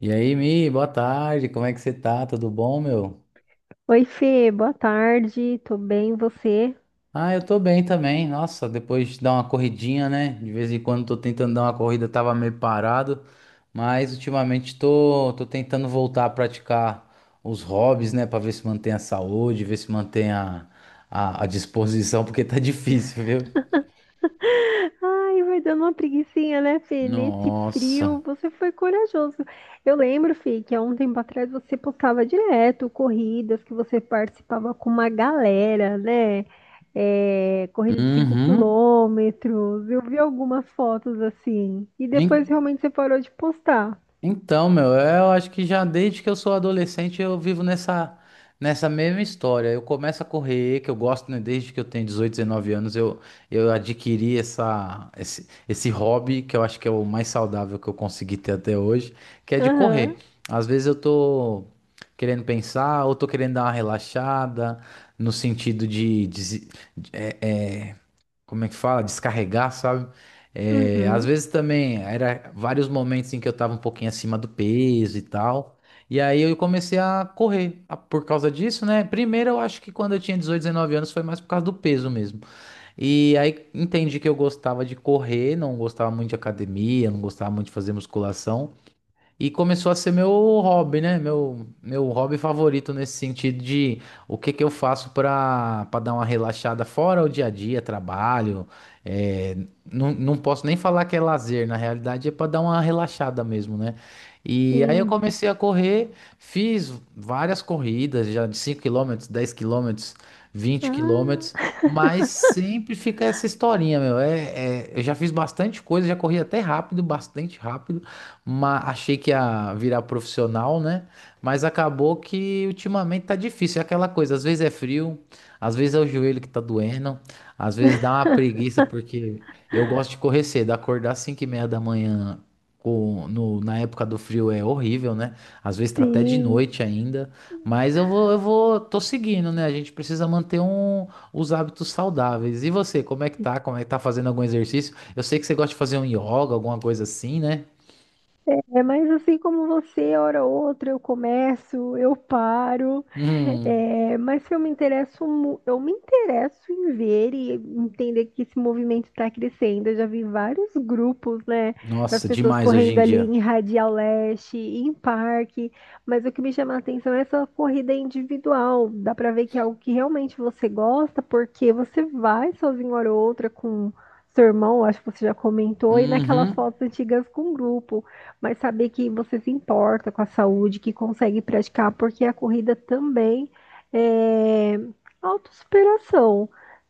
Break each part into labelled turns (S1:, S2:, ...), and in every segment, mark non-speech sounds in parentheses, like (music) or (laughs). S1: E aí, Mi, boa tarde, como é que você tá? Tudo bom, meu?
S2: Oi, Fê, boa tarde, tô bem, e você?
S1: Ah, eu tô bem também. Nossa, depois de dar uma corridinha, né? De vez em quando tô tentando dar uma corrida, tava meio parado, mas ultimamente tô tentando voltar a praticar os hobbies, né? Pra ver se mantém a saúde, ver se mantém a disposição, (laughs) porque tá difícil, viu?
S2: Ai, vai dando uma preguicinha, né, Fê? Nesse frio,
S1: Nossa.
S2: você foi corajoso. Eu lembro, Fê, que há um tempo atrás você postava direto corridas que você participava com uma galera, né? É, corrida de 5
S1: Uhum.
S2: quilômetros. Eu vi algumas fotos assim. E depois realmente você parou de postar.
S1: Então, meu, eu acho que já desde que eu sou adolescente eu vivo nessa mesma história. Eu começo a correr, que eu gosto, né, desde que eu tenho 18, 19 anos, eu adquiri esse hobby que eu acho que é o mais saudável que eu consegui ter até hoje, que é de correr.
S2: Aham,
S1: Às vezes eu tô querendo pensar ou tô querendo dar uma relaxada, no sentido de, como é que fala? Descarregar, sabe? É, às
S2: uhum,
S1: vezes também era vários momentos em que eu tava um pouquinho acima do peso e tal. E aí eu comecei a por causa disso, né? Primeiro eu acho que quando eu tinha 18, 19 anos foi mais por causa do peso mesmo. E aí entendi que eu gostava de correr, não gostava muito de academia, não gostava muito de fazer musculação. E começou a ser meu hobby, né? Meu hobby favorito nesse sentido de o que que eu faço para dar uma relaxada fora o dia a dia, trabalho. É, não, não posso nem falar que é lazer, na realidade é para dar uma relaxada mesmo, né? E aí eu
S2: sim.
S1: comecei a correr, fiz várias corridas, já de 5 km, 10 km, vinte
S2: Ah,
S1: quilômetros, mas sempre fica essa historinha, meu. Eu já fiz bastante coisa, já corri até rápido, bastante rápido, mas achei que ia virar profissional, né? Mas acabou que ultimamente tá difícil. É aquela coisa, às vezes é frio, às vezes é o joelho que tá doendo, às vezes dá uma preguiça, porque eu gosto de correr cedo, acordar às 5 e meia da manhã. Na época do frio é horrível, né? Às vezes tá até de
S2: sim.
S1: noite ainda, mas eu vou, tô seguindo, né? A gente precisa manter os hábitos saudáveis. E você, como é que tá? Como é que tá fazendo algum exercício? Eu sei que você gosta de fazer um yoga, alguma coisa assim, né?
S2: É, mas assim como você, hora ou outra, eu começo, eu paro.
S1: Hum,
S2: É, mas eu me interesso, eu me interesso em ver e entender que esse movimento está crescendo. Eu já vi vários grupos, né, das
S1: nossa,
S2: pessoas
S1: demais hoje
S2: correndo
S1: em
S2: ali
S1: dia.
S2: em Radial Leste, em parque, mas o que me chama a atenção é essa corrida individual. Dá para ver que é algo que realmente você gosta, porque você vai sozinho hora ou outra com seu irmão, acho que você já comentou, e naquelas
S1: Uhum.
S2: fotos antigas com grupo, mas saber que você se importa com a saúde, que consegue praticar, porque a corrida também é autossuperação.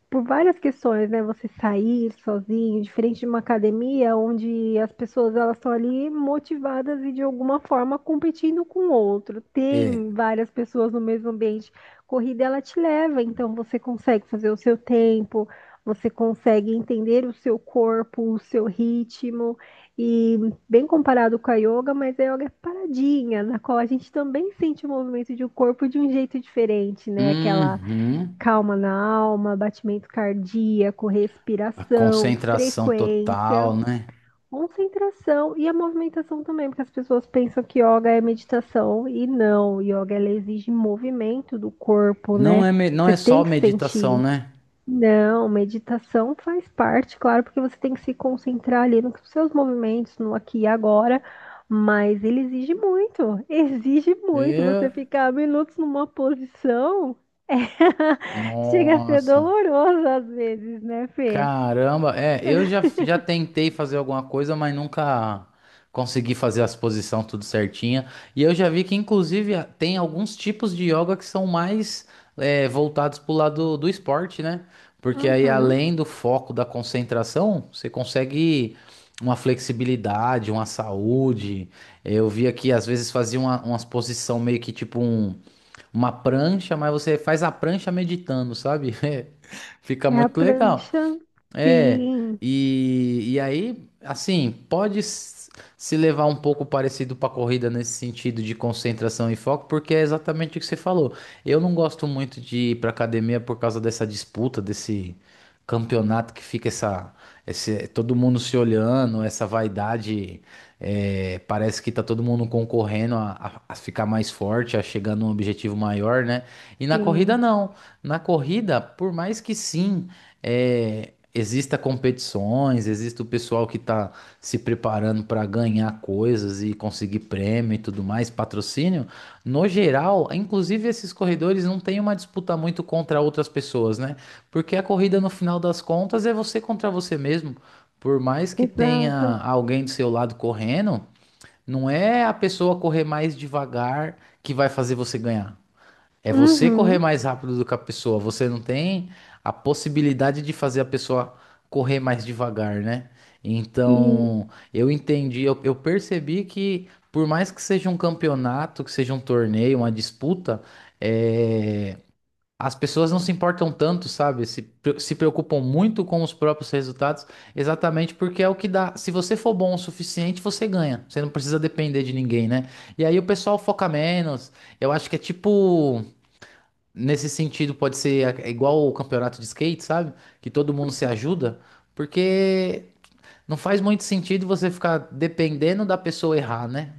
S2: Por várias questões, né? Você sair sozinho, diferente de uma academia, onde as pessoas elas estão ali motivadas e de alguma forma competindo com o outro.
S1: É.
S2: Tem várias pessoas no mesmo ambiente. Corrida ela te leva, então você consegue fazer o seu tempo, você consegue entender o seu corpo, o seu ritmo e bem comparado com a yoga, mas a yoga é paradinha, na qual a gente também sente o movimento de um corpo de um jeito diferente, né? Aquela
S1: Uhum.
S2: calma na alma, batimento cardíaco,
S1: A
S2: respiração,
S1: concentração
S2: frequência,
S1: total, né?
S2: concentração e a movimentação também, porque as pessoas pensam que yoga é meditação e não, yoga ela exige movimento do corpo,
S1: Não
S2: né?
S1: é, não
S2: Você
S1: é só
S2: tem que
S1: meditação,
S2: sentir
S1: né?
S2: não, meditação faz parte, claro, porque você tem que se concentrar ali nos seus movimentos, no aqui e agora, mas ele exige muito, (laughs) exige muito você
S1: É.
S2: ficar minutos numa posição. (laughs) Chega a ser
S1: Nossa.
S2: doloroso às vezes, né, Fê?
S1: Caramba, é, eu já tentei fazer alguma coisa, mas nunca consegui fazer as posições tudo certinha. E eu já vi que, inclusive, tem alguns tipos de yoga que são mais, é, voltados pro lado do esporte, né? Porque aí,
S2: Uhum.
S1: além do foco da concentração, você consegue uma flexibilidade, uma saúde. Eu vi aqui, às vezes, fazia umas posição meio que tipo uma prancha, mas você faz a prancha meditando, sabe? (laughs) Fica
S2: É a
S1: muito legal.
S2: prancha?
S1: É,
S2: Sim,
S1: e aí, assim, se levar um pouco parecido para corrida nesse sentido de concentração e foco, porque é exatamente o que você falou. Eu não gosto muito de ir para academia por causa dessa disputa, desse campeonato que fica todo mundo se olhando, essa vaidade, é, parece que tá todo mundo concorrendo a ficar mais forte, a chegar num objetivo maior, né? E na corrida
S2: sim,
S1: não. Na corrida, por mais que sim, é, exista competições, exista o pessoal que está se preparando para ganhar coisas e conseguir prêmio e tudo mais, patrocínio. No geral, inclusive esses corredores não têm uma disputa muito contra outras pessoas, né? Porque a corrida no final das contas é você contra você mesmo. Por mais que tenha
S2: exato.
S1: alguém do seu lado correndo, não é a pessoa correr mais devagar que vai fazer você ganhar. É você correr
S2: Uhum.
S1: mais rápido do que a pessoa. Você não tem a possibilidade de fazer a pessoa correr mais devagar, né?
S2: E
S1: Então, eu entendi, eu percebi que por mais que seja um campeonato, que seja um torneio, uma disputa, é, as pessoas não se importam tanto, sabe? Se preocupam muito com os próprios resultados, exatamente porque é o que dá. Se você for bom o suficiente, você ganha. Você não precisa depender de ninguém, né? E aí o pessoal foca menos. Eu acho que é tipo. Nesse sentido, pode ser, igual o campeonato de skate, sabe? Que todo mundo se ajuda, porque não faz muito sentido você ficar dependendo da pessoa errar, né?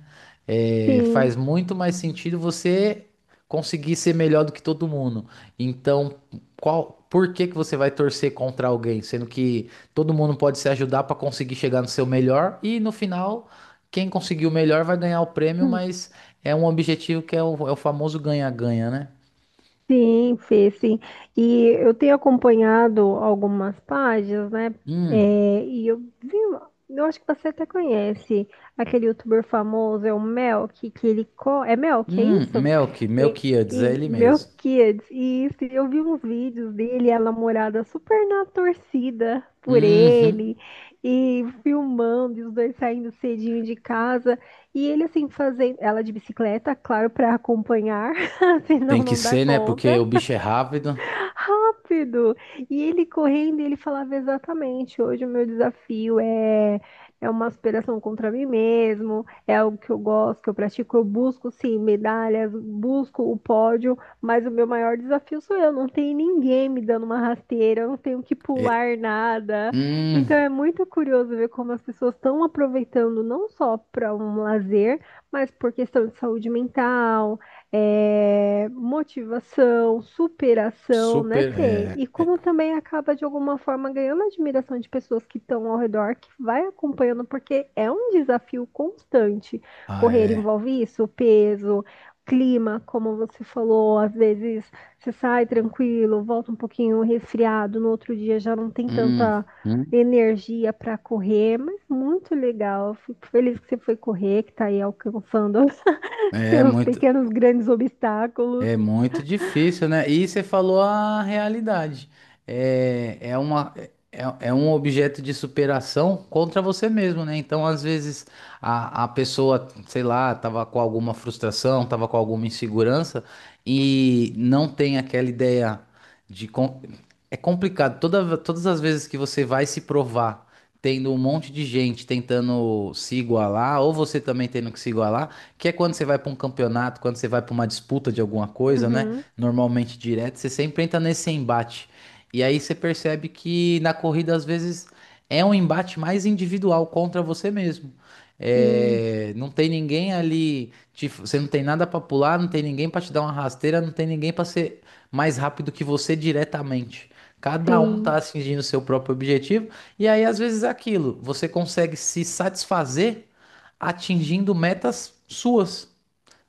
S1: É, faz
S2: sim.
S1: muito mais sentido você conseguir ser melhor do que todo mundo. Então, qual, por que que você vai torcer contra alguém, sendo que todo mundo pode se ajudar para conseguir chegar no seu melhor e no final, quem conseguir o melhor vai ganhar o prêmio, mas é um objetivo que é o famoso ganha-ganha, né?
S2: Sim, Fê, sim. E eu tenho acompanhado algumas páginas, né?
S1: Hum.
S2: É, e eu vi, eu acho que você até conhece aquele youtuber famoso, é o Melk, que ele é Melk, é isso?
S1: Melk,
S2: E,
S1: Melquíades, é
S2: e
S1: ele mesmo.
S2: Melquiades, isso. E isso, eu vi uns vídeos dele, e a namorada super na torcida por
S1: Uhum.
S2: ele, e filmando, e os dois saindo cedinho de casa, e ele assim fazendo, ela de bicicleta, claro, para acompanhar. (laughs)
S1: Tem
S2: Senão
S1: que
S2: não dá
S1: ser, né? Porque
S2: conta.
S1: o bicho é rápido.
S2: Rápido! E ele correndo, ele falava exatamente: hoje o meu desafio é é uma aspiração contra mim mesmo, é algo que eu gosto, que eu pratico, eu busco sim medalhas, busco o pódio, mas o meu maior desafio sou eu, não tem ninguém me dando uma rasteira, eu não tenho que
S1: É,
S2: pular nada. Então
S1: hum,
S2: é muito curioso ver como as pessoas estão aproveitando não só para um lazer, mas por questão de saúde mental, é, motivação, superação, né,
S1: super.
S2: Fê?
S1: É,
S2: E
S1: é,
S2: como também acaba de alguma forma ganhando a admiração de pessoas que estão ao redor, que vai acompanhando, porque é um desafio constante.
S1: ah,
S2: Correr
S1: é.
S2: envolve isso, peso, clima, como você falou, às vezes você sai tranquilo, volta um pouquinho resfriado, no outro dia já não tem
S1: Hum,
S2: tanta
S1: hum.
S2: energia para correr, mas muito legal. Fico feliz que você foi correr, que está aí alcançando. (laughs)
S1: É
S2: Seus
S1: muito.
S2: pequenos grandes obstáculos.
S1: É muito difícil, né? E você falou a realidade. É, é uma, é um objeto de superação contra você mesmo, né? Então, às vezes, a pessoa, sei lá, tava com alguma frustração, tava com alguma insegurança e não tem aquela ideia de. É complicado. Todas as vezes que você vai se provar, tendo um monte de gente tentando se igualar, ou você também tendo que se igualar. Que é quando você vai para um campeonato, quando você vai para uma disputa de alguma coisa, né?
S2: Uhum.
S1: Normalmente direto, você sempre entra nesse embate. E aí você percebe que na corrida, às vezes, é um embate mais individual contra você mesmo.
S2: Sim,
S1: É, não tem ninguém ali, você não tem nada para pular, não tem ninguém para te dar uma rasteira, não tem ninguém para ser mais rápido que você diretamente. Cada um tá
S2: sim,
S1: atingindo o seu próprio objetivo, e aí às vezes é aquilo, você consegue se satisfazer atingindo metas suas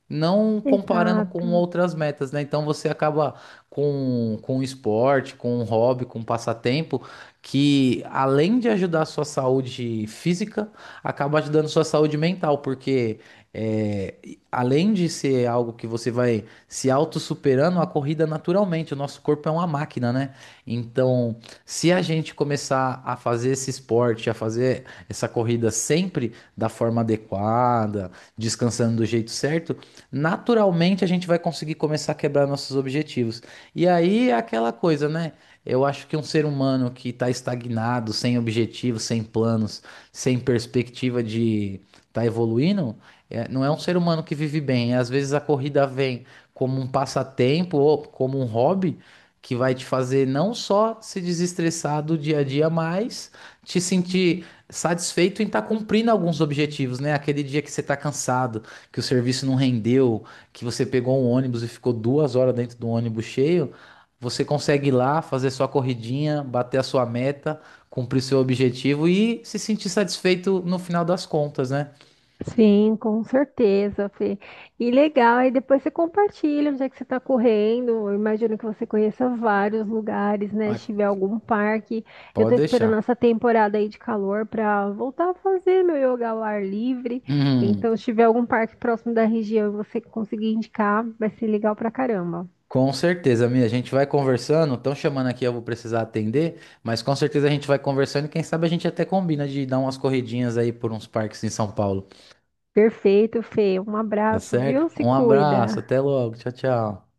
S1: não comparando com
S2: exato.
S1: outras metas, né? Então você acaba com um esporte, com um hobby, com um passatempo, que além de ajudar a sua saúde física, acaba ajudando a sua saúde mental, porque é, além de ser algo que você vai se auto-superando, a corrida naturalmente, o nosso corpo é uma máquina, né? Então, se a gente começar a fazer esse esporte, a fazer essa corrida sempre da forma adequada, descansando do jeito certo, naturalmente a gente vai conseguir começar a quebrar nossos objetivos. E aí é aquela coisa, né? Eu acho que um ser humano que está estagnado, sem objetivos, sem planos, sem perspectiva de estar tá evoluindo, é, não é um ser humano que vive bem. Às vezes a corrida vem como um passatempo ou como um hobby que vai te fazer não só se desestressar do dia a dia, mas te sentir satisfeito em estar cumprindo alguns objetivos, né? Aquele dia que você está cansado, que o serviço não rendeu, que você pegou um ônibus e ficou 2 horas dentro do ônibus cheio, você consegue ir lá fazer sua corridinha, bater a sua meta, cumprir seu objetivo e se sentir satisfeito no final das contas, né?
S2: Sim, com certeza, Fê. E legal, aí depois você compartilha onde é que você está correndo. Eu imagino que você conheça vários lugares, né?
S1: Ah,
S2: Se tiver algum parque. Eu
S1: pode
S2: estou esperando
S1: deixar.
S2: essa temporada aí de calor para voltar a fazer meu yoga ao ar livre. Então,
S1: Hum,
S2: se tiver algum parque próximo da região e você conseguir indicar, vai ser legal pra caramba.
S1: com certeza, Mia. A gente vai conversando. Estão chamando aqui, eu vou precisar atender, mas com certeza a gente vai conversando e quem sabe a gente até combina de dar umas corridinhas aí por uns parques em São Paulo.
S2: Perfeito, Fê. Um
S1: Tá
S2: abraço, viu?
S1: certo?
S2: Se
S1: Um abraço,
S2: cuida.
S1: até logo. Tchau, tchau.